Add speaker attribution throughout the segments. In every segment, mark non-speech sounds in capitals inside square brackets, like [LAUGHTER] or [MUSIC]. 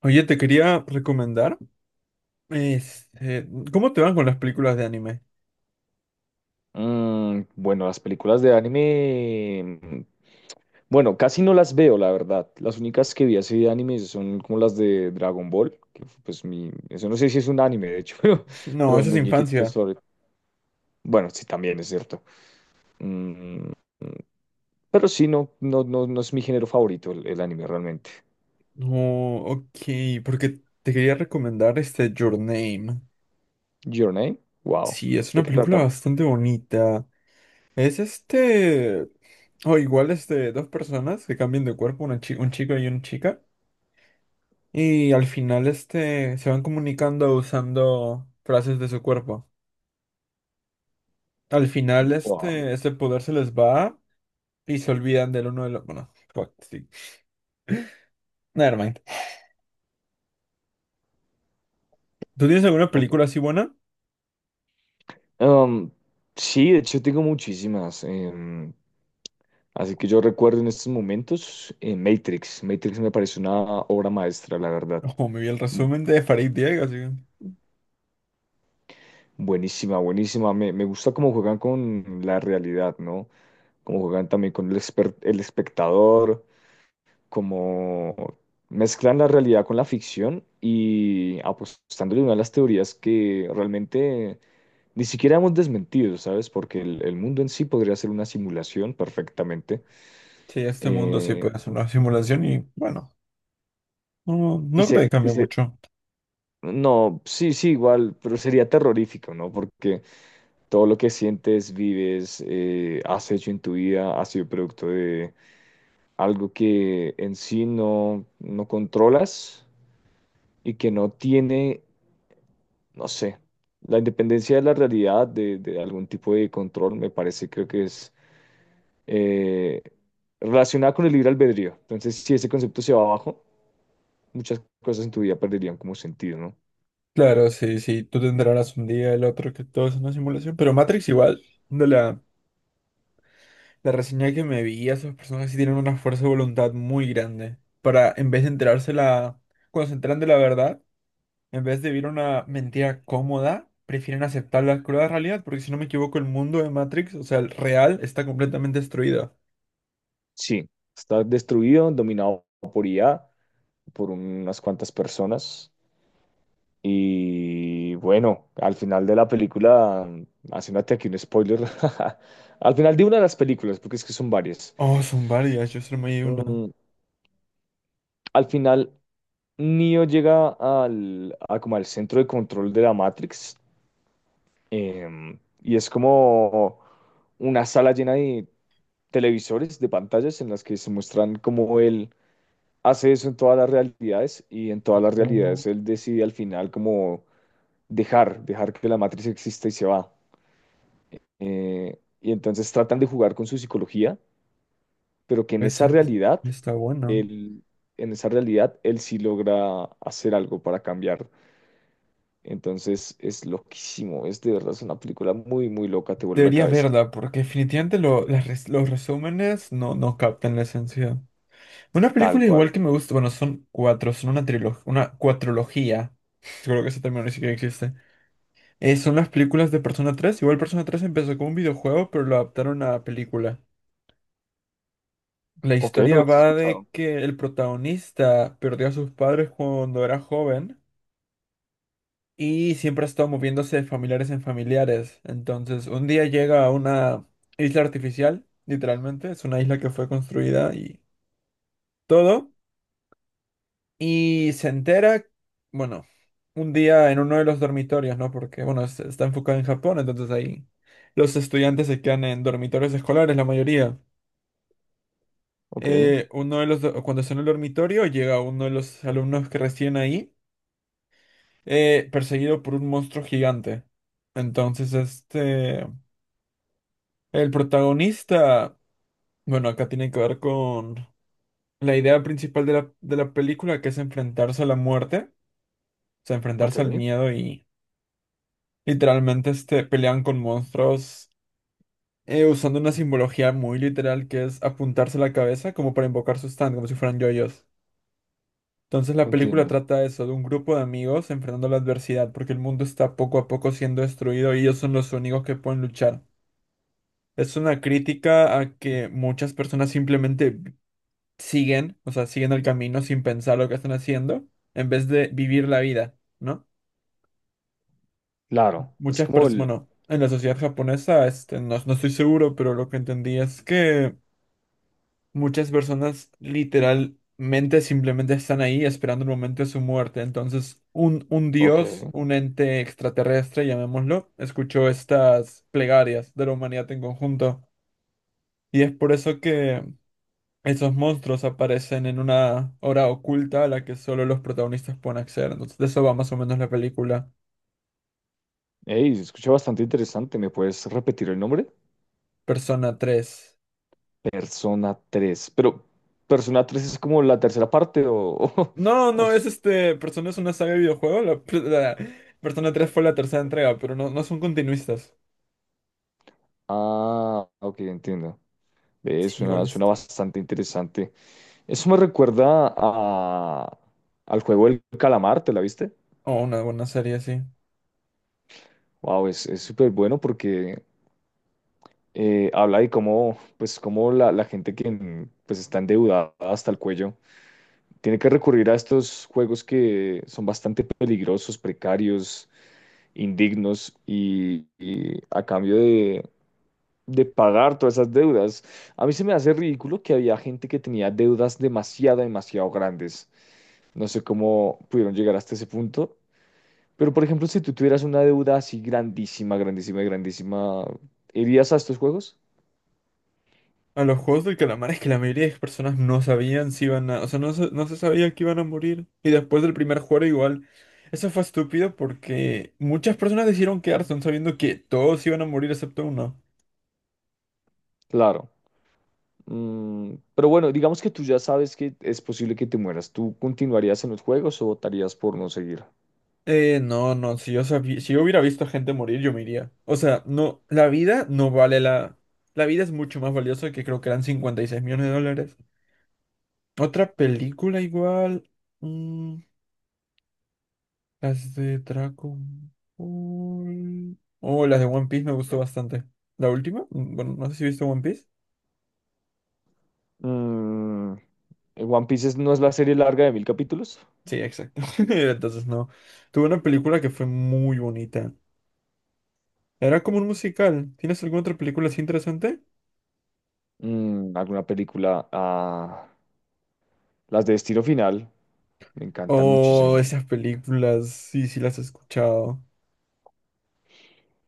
Speaker 1: Oye, te quería recomendar, este, ¿cómo te van con las películas de anime?
Speaker 2: Bueno, las películas de anime, bueno, casi no las veo, la verdad. Las únicas que vi así de anime son como las de Dragon Ball, que fue, pues mi, eso no sé si es un anime, de hecho, [LAUGHS]
Speaker 1: No,
Speaker 2: pero un
Speaker 1: eso es
Speaker 2: muñequito
Speaker 1: infancia.
Speaker 2: sobre, bueno, sí, también es cierto. Mm, pero sí, no, no, no, no es mi género favorito el anime realmente.
Speaker 1: No, ok, porque te quería recomendar Your Name.
Speaker 2: Your Name, wow,
Speaker 1: Sí, es
Speaker 2: ¿de
Speaker 1: una
Speaker 2: qué trata?
Speaker 1: película bastante bonita. Es este, o igual este, Dos personas que cambian de cuerpo, un chico y una chica, y al final se van comunicando usando frases de su cuerpo. Al final
Speaker 2: Wow,
Speaker 1: este poder se les va y se olvidan del uno del otro. Bueno, [LAUGHS] fuck, sí. Nevermind. ¿Tú tienes alguna película
Speaker 2: ok.
Speaker 1: así buena?
Speaker 2: Um, sí, de hecho tengo muchísimas. Así que yo recuerdo en estos momentos Matrix. Matrix me parece una obra maestra, la verdad.
Speaker 1: Ojo, me vi el
Speaker 2: Bu-
Speaker 1: resumen de Farid Diego, así que...
Speaker 2: Buenísima, buenísima. Me gusta cómo juegan con la realidad, ¿no? Cómo juegan también con el espectador, cómo mezclan la realidad con la ficción y apostándole una de las teorías que realmente ni siquiera hemos desmentido, ¿sabes? Porque el mundo en sí podría ser una simulación perfectamente.
Speaker 1: Sí, este mundo sí
Speaker 2: Eh,
Speaker 1: puede hacer una simulación y bueno, no,
Speaker 2: y
Speaker 1: no creo
Speaker 2: se,
Speaker 1: que
Speaker 2: y
Speaker 1: cambie
Speaker 2: se-
Speaker 1: mucho.
Speaker 2: No, sí, sí, igual, pero sería terrorífico, ¿no? Porque todo lo que sientes, vives, has hecho en tu vida ha sido producto de algo que en sí no controlas y que no tiene, no sé, la independencia de la realidad, de algún tipo de control, me parece, creo que es eh, relacionada con el libre albedrío. Entonces, si ese concepto se va abajo, muchas cosas en tu vida perderían como sentido, ¿no?
Speaker 1: Claro, sí, sí, tú te enterarás un día, el otro, que todo es una simulación, pero Matrix igual, de la... La reseña que me vi, esas personas sí tienen una fuerza de voluntad muy grande para, en vez de enterarse la, cuando se enteran de la verdad, en vez de vivir una mentira cómoda, prefieren aceptar la cruda realidad, porque si no me equivoco, el mundo de Matrix, o sea, el real, está completamente destruido.
Speaker 2: Sí, está destruido, dominado por IA, por unas cuantas personas. Y bueno, al final de la película, haciéndote aquí un spoiler, [LAUGHS] al final de una de las películas, porque es que son varias,
Speaker 1: Oh, son varias, yo solo me di una.
Speaker 2: mm, al final Neo llega a como al centro de control de la Matrix, y es como una sala llena de televisores, de pantallas en las que se muestran cómo él hace eso en todas las realidades y en todas las
Speaker 1: Oh,
Speaker 2: realidades él decide al final como dejar que la matriz exista y se va. Y entonces tratan de jugar con su psicología, pero que en esa
Speaker 1: esa
Speaker 2: realidad,
Speaker 1: está buena.
Speaker 2: él, en esa realidad, él sí logra hacer algo para cambiar. Entonces es loquísimo, es de verdad es una película muy, muy loca, te vuela la
Speaker 1: Deberías
Speaker 2: cabeza,
Speaker 1: verla, porque definitivamente los resúmenes no, no captan la esencia. Una
Speaker 2: tal
Speaker 1: película igual
Speaker 2: cual.
Speaker 1: que me gusta, bueno, son cuatro, son una trilogía, una cuatrología. [LAUGHS] Creo que ese término ni siquiera existe. Son las películas de Persona 3. Igual, Persona tres empezó como un videojuego, pero lo adaptaron a película. La
Speaker 2: Ok, no
Speaker 1: historia
Speaker 2: la has
Speaker 1: va de
Speaker 2: escuchado.
Speaker 1: que el protagonista perdió a sus padres cuando era joven y siempre ha estado moviéndose de familiares en familiares. Entonces, un día llega a una isla artificial, literalmente, es una isla que fue construida y todo. Y se entera, bueno, un día en uno de los dormitorios, ¿no? Porque, bueno, está enfocado en Japón, entonces ahí los estudiantes se quedan en dormitorios escolares, la mayoría.
Speaker 2: Ok,
Speaker 1: Uno de los, do- cuando está en el dormitorio, llega uno de los alumnos que recién ahí, perseguido por un monstruo gigante. Entonces, el protagonista, bueno, acá tiene que ver con la idea principal de la película, que es enfrentarse a la muerte, o sea,
Speaker 2: ok,
Speaker 1: enfrentarse al miedo y... Literalmente pelean con monstruos usando una simbología muy literal que es apuntarse la cabeza como para invocar su stand, como si fueran yoyos. Entonces la película
Speaker 2: entiendo.
Speaker 1: trata eso, de un grupo de amigos enfrentando la adversidad, porque el mundo está poco a poco siendo destruido y ellos son los únicos que pueden luchar. Es una crítica a que muchas personas simplemente siguen, o sea, siguen el camino sin pensar lo que están haciendo, en vez de vivir la vida, ¿no?
Speaker 2: Claro, es
Speaker 1: Muchas
Speaker 2: como
Speaker 1: personas,
Speaker 2: el...
Speaker 1: bueno, en la sociedad japonesa, no, no estoy seguro, pero lo que entendí es que muchas personas literalmente simplemente están ahí esperando el momento de su muerte. Entonces, un
Speaker 2: Ok,
Speaker 1: dios, un ente extraterrestre, llamémoslo, escuchó estas plegarias de la humanidad en conjunto. Y es por eso que esos monstruos aparecen en una hora oculta a la que solo los protagonistas pueden acceder. Entonces, de eso va más o menos la película.
Speaker 2: hey, se escucha bastante interesante, ¿me puedes repetir el nombre?
Speaker 1: Persona 3.
Speaker 2: Persona 3. Pero, ¿Persona 3 es como la tercera parte o...?
Speaker 1: No,
Speaker 2: O
Speaker 1: no,
Speaker 2: s-
Speaker 1: es Persona es una saga de videojuego. La, pr- la Persona 3 fue la tercera entrega, pero no, no son continuistas.
Speaker 2: ah, ok, entiendo. Ve,
Speaker 1: Sí, igual
Speaker 2: suena, suena
Speaker 1: está.
Speaker 2: bastante interesante. Eso me recuerda a, al juego del calamar, ¿te la viste?
Speaker 1: Oh, una buena serie, sí.
Speaker 2: Wow, es súper bueno porque habla de cómo, pues, cómo la gente que pues, está endeudada hasta el cuello tiene que recurrir a estos juegos que son bastante peligrosos, precarios, indignos y a cambio de pagar todas esas deudas. A mí se me hace ridículo que había gente que tenía deudas demasiado, demasiado grandes. No sé cómo pudieron llegar hasta ese punto, pero por ejemplo, si tú tuvieras una deuda así grandísima, grandísima, grandísima, ¿irías a estos juegos?
Speaker 1: A los juegos del calamar es que la mayoría de personas no sabían si iban a... O sea, no se sabía que iban a morir. Y después del primer juego, igual. Eso fue estúpido porque muchas personas decidieron quedarse aun sabiendo que todos iban a morir excepto uno.
Speaker 2: Claro. Pero bueno, digamos que tú ya sabes que es posible que te mueras. ¿Tú continuarías en los juegos o votarías por no seguir?
Speaker 1: No, no, si yo sabía, si yo hubiera visto gente morir, yo me iría. O sea, no, la vida no vale la... La vida es mucho más valiosa que, creo que eran $56 millones. Otra película igual. Mm, las de Dragon Ball. Oh, las de One Piece me gustó bastante. ¿La última? Mm, bueno, no sé si viste One Piece.
Speaker 2: Mm, One Piece, ¿no es la serie larga de 1000 capítulos?
Speaker 1: Sí, exacto. [LAUGHS] Entonces no. Tuve una película que fue muy bonita. Era como un musical. ¿Tienes alguna otra película así interesante?
Speaker 2: Alguna película. Ah, las de Destino Final me encantan
Speaker 1: Oh,
Speaker 2: muchísimo.
Speaker 1: esas películas, sí, sí las he escuchado.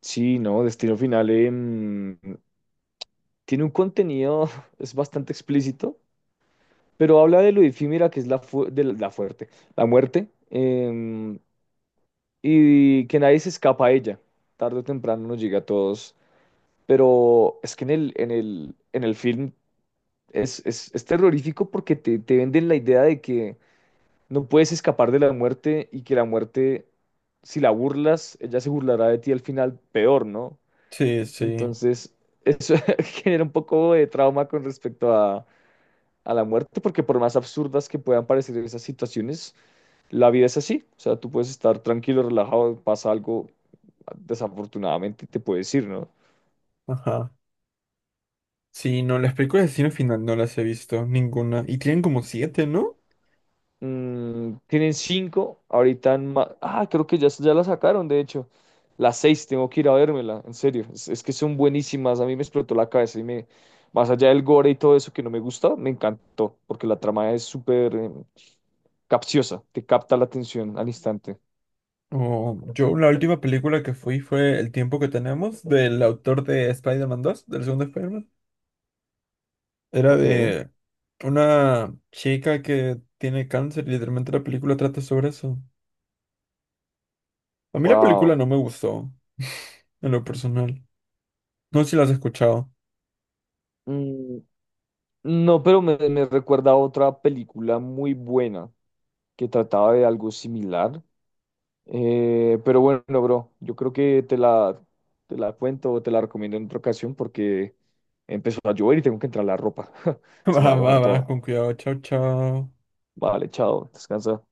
Speaker 2: Sí, no, Destino Final tiene un contenido, [LAUGHS] es bastante explícito, pero habla de lo efímera que es la fuerte, la muerte, y que nadie se escapa a ella. Tarde o temprano nos llega a todos, pero es que en en el film es terrorífico porque te venden la idea de que no puedes escapar de la muerte, y que la muerte, si la burlas, ella se burlará de ti al final peor, ¿no?
Speaker 1: Sí, sí,
Speaker 2: Entonces, eso [LAUGHS] genera un poco de trauma con respecto a la muerte, porque por más absurdas que puedan parecer esas situaciones, la vida es así. O sea, tú puedes estar tranquilo, relajado, pasa algo, desafortunadamente te puedes ir, ¿no?
Speaker 1: ajá. Sí, no, las películas de Destino Final no las he visto, ninguna. Y tienen como siete, ¿no?
Speaker 2: Tienen 5, ahorita en ah, creo que ya, ya la sacaron, de hecho. Las 6, tengo que ir a vérmela, en serio. Es que son buenísimas, a mí me explotó la cabeza y me... Más allá del gore y todo eso que no me gusta, me encantó, porque la trama es súper capciosa, te capta la atención al instante.
Speaker 1: Oh, yo la última película que fui fue El tiempo que tenemos, del autor de Spider-Man 2, del segundo Spider-Man. Era
Speaker 2: Ok,
Speaker 1: de una chica que tiene cáncer y literalmente la película trata sobre eso. A mí la película
Speaker 2: wow.
Speaker 1: no me gustó, [LAUGHS] en lo personal. No sé si la has escuchado.
Speaker 2: Mm, no, pero me recuerda a otra película muy buena que trataba de algo similar. Pero bueno, bro, yo creo que te la cuento o te la recomiendo en otra ocasión porque empezó a llover y tengo que entrar la ropa. [LAUGHS]
Speaker 1: [LAUGHS]
Speaker 2: Se me va
Speaker 1: Va,
Speaker 2: a
Speaker 1: va,
Speaker 2: mojar toda.
Speaker 1: va, con cuidado. Chao, chao.
Speaker 2: Vale, chao, descansa.